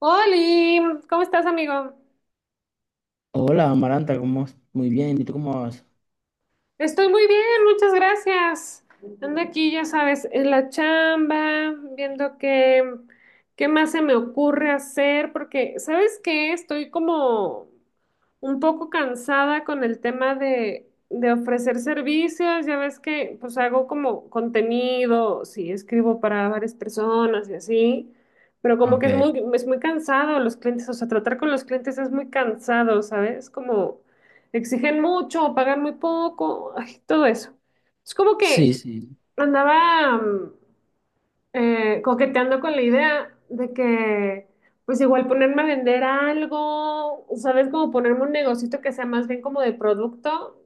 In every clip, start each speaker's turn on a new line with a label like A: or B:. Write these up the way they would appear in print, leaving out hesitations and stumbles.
A: Oli, ¿cómo estás, amigo?
B: Hola, Amaranta, ¿cómo vas? Muy bien, ¿y tú cómo vas?
A: Estoy muy bien, muchas gracias. Ando aquí, ya sabes, en la chamba, viendo qué más se me ocurre hacer, porque, ¿sabes qué? Estoy como un poco cansada con el tema de ofrecer servicios. Ya ves que, pues, hago como contenido, sí, escribo para varias personas y así. Pero como que
B: Ok,
A: es muy cansado los clientes, o sea, tratar con los clientes es muy cansado, ¿sabes? Como exigen mucho, pagan muy poco, ay, todo eso. Es como
B: sí,
A: que
B: sí,
A: andaba coqueteando con la idea de que, pues igual ponerme a vender algo, ¿sabes? Como ponerme un negocito que sea más bien como de producto,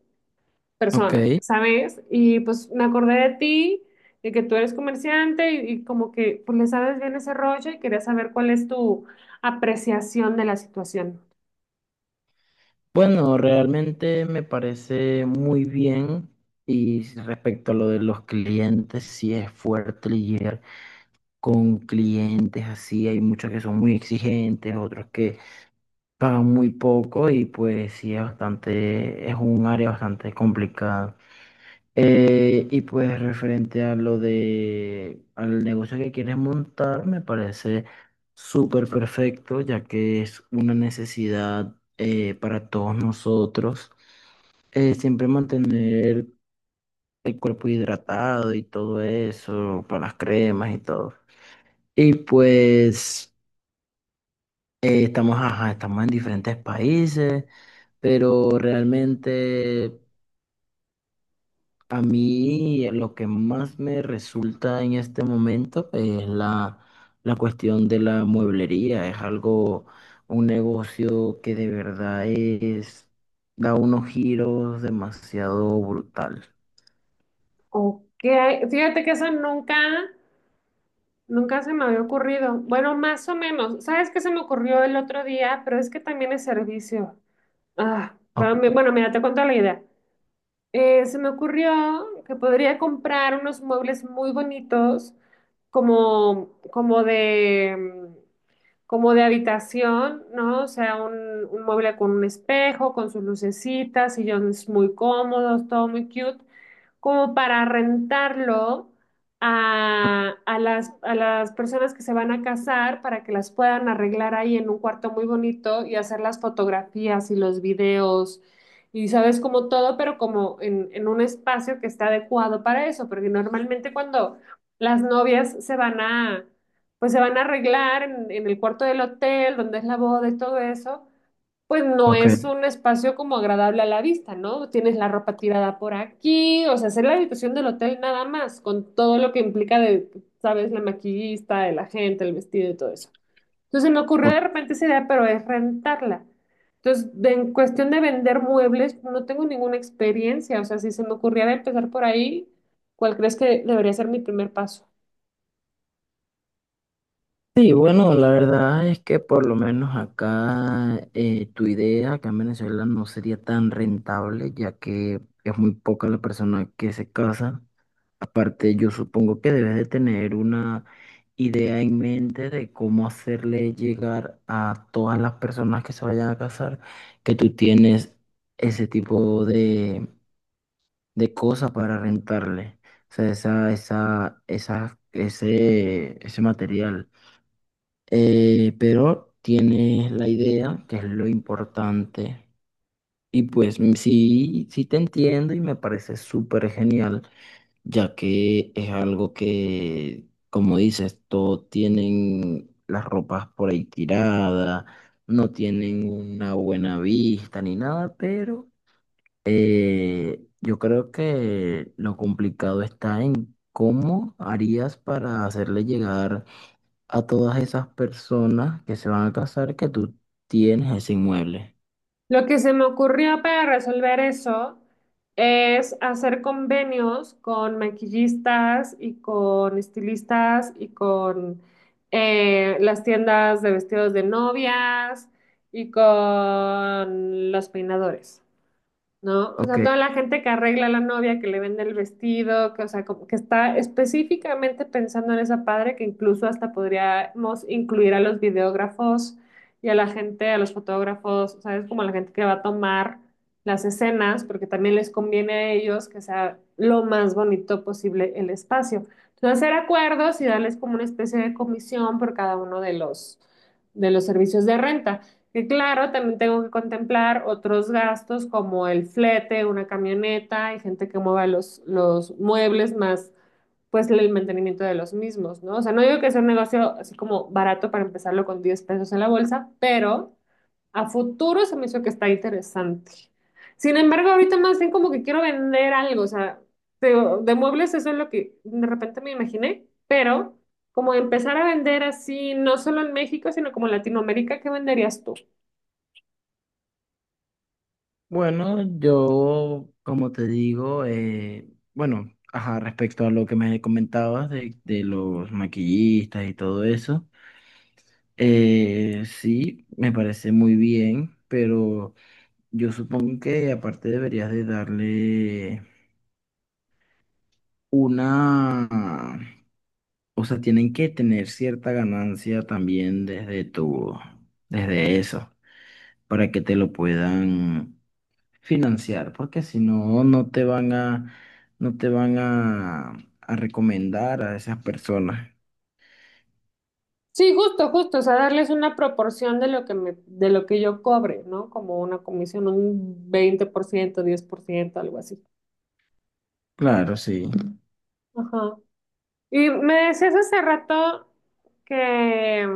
B: ok.
A: persona, ¿sabes? Y pues me acordé de ti, de que tú eres comerciante y como que pues le sabes bien ese rollo y quería saber cuál es tu apreciación de la situación.
B: Bueno, realmente me parece muy bien y respecto a lo de los clientes, sí es fuerte lidiar con clientes así, hay muchos que son muy exigentes, otros que pagan muy poco y pues sí es bastante, es un área bastante complicada. Y pues referente a lo de al negocio que quieres montar, me parece súper perfecto, ya que es una necesidad para todos nosotros. Siempre mantener el cuerpo hidratado y todo eso, para las cremas y todo. Y pues estamos, ajá, estamos en diferentes países, pero realmente a mí, lo que más me resulta en este momento es la cuestión de la mueblería. Es algo, un negocio que de verdad es, da unos giros demasiado brutal.
A: Ok, fíjate que eso nunca... Nunca se me había ocurrido. Bueno, más o menos. ¿Sabes qué se me ocurrió el otro día? Pero es que también es servicio. Ah,
B: O-
A: bueno, mira, te cuento la idea. Se me ocurrió que podría comprar unos muebles muy bonitos, como mm, como de habitación, ¿no? O sea, un mueble con un espejo, con sus lucecitas, sillones muy cómodos, todo muy cute, como para rentarlo a las personas que se van a casar para que las puedan arreglar ahí en un cuarto muy bonito y hacer las fotografías y los videos y sabes como todo, pero en un espacio que está adecuado para eso, porque normalmente cuando las novias pues se van a arreglar en el cuarto del hotel, donde es la boda y todo eso, pues no
B: Ok.
A: es un espacio como agradable a la vista, ¿no? Tienes la ropa tirada por aquí, o sea, hacer la habitación del hotel nada más, con todo lo que implica de, sabes, la maquillista, el agente, el vestido y todo eso. Entonces se me ocurrió de repente esa idea, pero es rentarla. Entonces, en cuestión de vender muebles, no tengo ninguna experiencia. O sea, si se me ocurriera empezar por ahí, ¿cuál crees que debería ser mi primer paso?
B: Sí, bueno, la verdad es que por lo menos acá, tu idea acá en Venezuela no sería tan rentable, ya que es muy poca la persona que se casa. Aparte, yo supongo que debes de tener una idea en mente de cómo hacerle llegar a todas las personas que se vayan a casar que tú tienes ese tipo de cosas para rentarle. O sea, ese material. Pero tienes la idea, que es lo importante. Y pues sí, sí te entiendo y me parece súper genial ya que es algo que, como dices, todos tienen las ropas por ahí tiradas, no tienen una buena vista ni nada, pero yo creo que lo complicado está en cómo harías para hacerle llegar a todas esas personas que se van a casar que tú tienes ese inmueble.
A: Lo que se me ocurrió para resolver eso es hacer convenios con maquillistas y con estilistas y con las tiendas de vestidos de novias y con los peinadores. ¿No? O
B: Ok,
A: sea, toda la gente que arregla a la novia, que le vende el vestido, o sea, como que está específicamente pensando en esa padre, que incluso hasta podríamos incluir a los videógrafos y a los fotógrafos, o sea, es como la gente que va a tomar las escenas, porque también les conviene a ellos que sea lo más bonito posible el espacio. Entonces, hacer acuerdos y darles como una especie de comisión por cada uno de los servicios de renta. Que claro, también tengo que contemplar otros gastos como el flete, una camioneta, hay gente que mueva los muebles más pues el mantenimiento de los mismos, ¿no? O sea, no digo que sea un negocio así como barato para empezarlo con 10 pesos en la bolsa, pero a futuro se me hizo que está interesante. Sin embargo, ahorita más bien como que quiero vender algo, o sea, de muebles eso es lo que de repente me imaginé, pero como empezar a vender así, no solo en México, sino como en Latinoamérica, ¿qué venderías?
B: bueno, yo, como te digo, bueno, ajá, respecto a lo que me comentabas de los maquillistas y todo eso, sí, me parece muy bien, pero yo supongo que aparte deberías de darle una, o sea, tienen que tener cierta ganancia también desde tu, desde eso, para que te lo puedan financiar, porque si no, no te van a, a recomendar a esas personas.
A: Sí, justo, justo, o sea, darles una proporción de lo que me, de lo que yo cobre, ¿no? Como una comisión, un 20%, 10%, algo así.
B: Claro, sí.
A: Ajá. Y me decías hace rato que,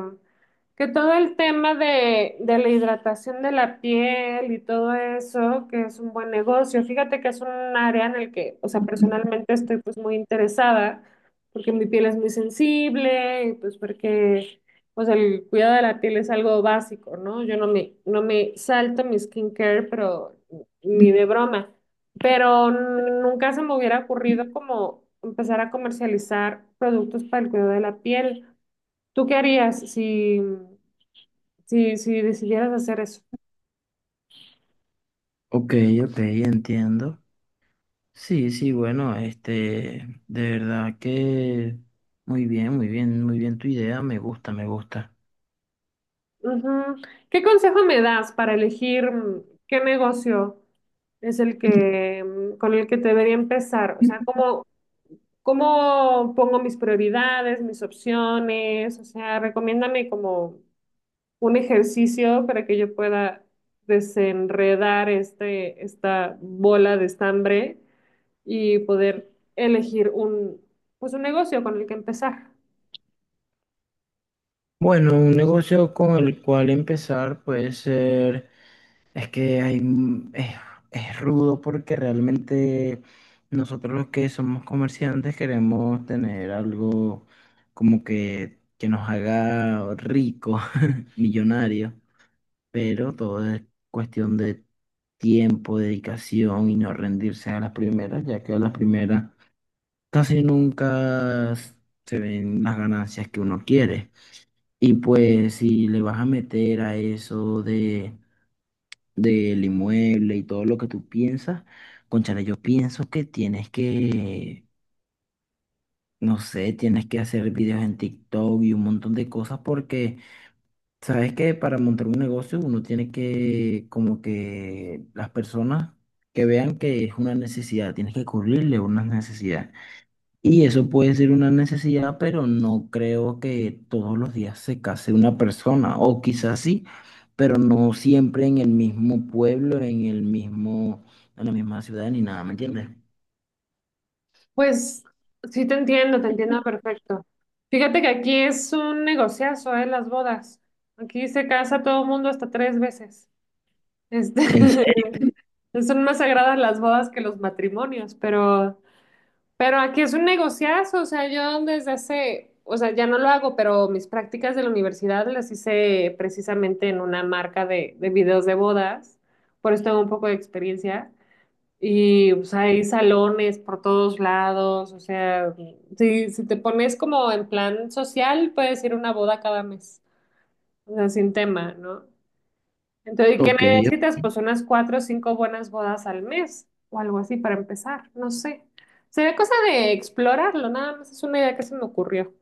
A: que todo el tema de la hidratación de la piel y todo eso, que es un buen negocio. Fíjate que es un área en el que, o sea, personalmente estoy pues muy interesada, porque mi piel es muy sensible, y pues porque pues el cuidado de la piel es algo básico, ¿no? Yo no me, No me salto mi skincare, pero ni de broma, pero nunca se me hubiera ocurrido como empezar a comercializar productos para el cuidado de la piel. ¿Tú qué harías si decidieras hacer eso?
B: Ok, ok, entiendo. Sí, sí, bueno, este, de verdad que muy bien, muy bien, muy bien tu idea, me gusta, me gusta.
A: Ujú. ¿Qué consejo me das para elegir qué negocio es el que con el que debería empezar? O sea, ¿cómo pongo mis prioridades, mis opciones? O sea, recomiéndame como un ejercicio para que yo pueda desenredar esta bola de estambre y poder elegir pues un negocio con el que empezar.
B: Bueno, un negocio con el cual empezar puede ser, es que hay, es rudo porque realmente nosotros los que somos comerciantes queremos tener algo como que nos haga rico millonario, pero todo es cuestión de tiempo, dedicación y no rendirse a las primeras, ya que a las primeras casi nunca se ven las ganancias que uno quiere. Y pues si le vas a meter a eso de del inmueble y todo lo que tú piensas, cónchale, yo pienso que tienes que, no sé, tienes que hacer videos en TikTok y un montón de cosas porque sabes que para montar un negocio uno tiene que como que las personas que vean que es una necesidad, tienes que cubrirle una necesidad. Y eso puede ser una necesidad, pero no creo que todos los días se case una persona, o quizás sí, pero no siempre en el mismo pueblo, en el mismo, en la misma ciudad ni nada, ¿me entiendes?
A: Pues sí te entiendo perfecto. Fíjate que aquí es un negociazo, ¿eh? Las bodas. Aquí se casa todo el mundo hasta tres veces.
B: ¿En
A: Este,
B: serio?
A: son más sagradas las bodas que los matrimonios, pero... Pero aquí es un negociazo, o sea, yo desde hace, o sea, ya no lo hago, pero mis prácticas de la universidad las hice precisamente en una marca de videos de bodas, por eso tengo un poco de experiencia. Y pues hay salones por todos lados, o sea, si te pones como en plan social, puedes ir a una boda cada mes, o sea, sin tema, ¿no? Entonces, ¿qué
B: Ok,
A: necesitas?
B: ok.
A: Pues unas cuatro o cinco buenas bodas al mes o algo así para empezar, no sé. Sería cosa de explorarlo, nada más es una idea que se me ocurrió.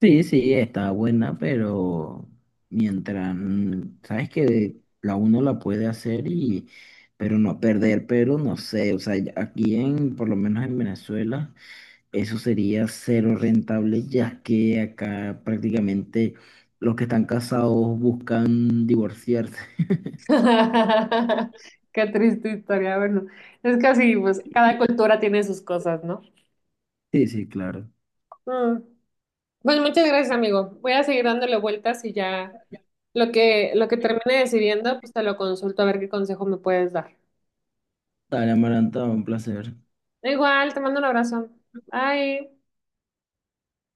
B: Sí, sí, está buena, pero mientras, sabes que la uno la puede hacer y, pero no perder, pero no sé, o sea, aquí en, por lo menos en Venezuela. Eso sería cero rentable, ya que acá prácticamente los que están casados buscan divorciarse.
A: Qué triste historia, bueno, es que así, pues cada cultura tiene sus cosas, ¿no?
B: Sí, sí, claro.
A: Mm. Pues muchas gracias, amigo. Voy a seguir dándole vueltas y ya lo que termine decidiendo, pues te lo consulto a ver qué consejo me puedes dar.
B: Dale, Amaranta, un placer.
A: Igual, te mando un abrazo. Bye.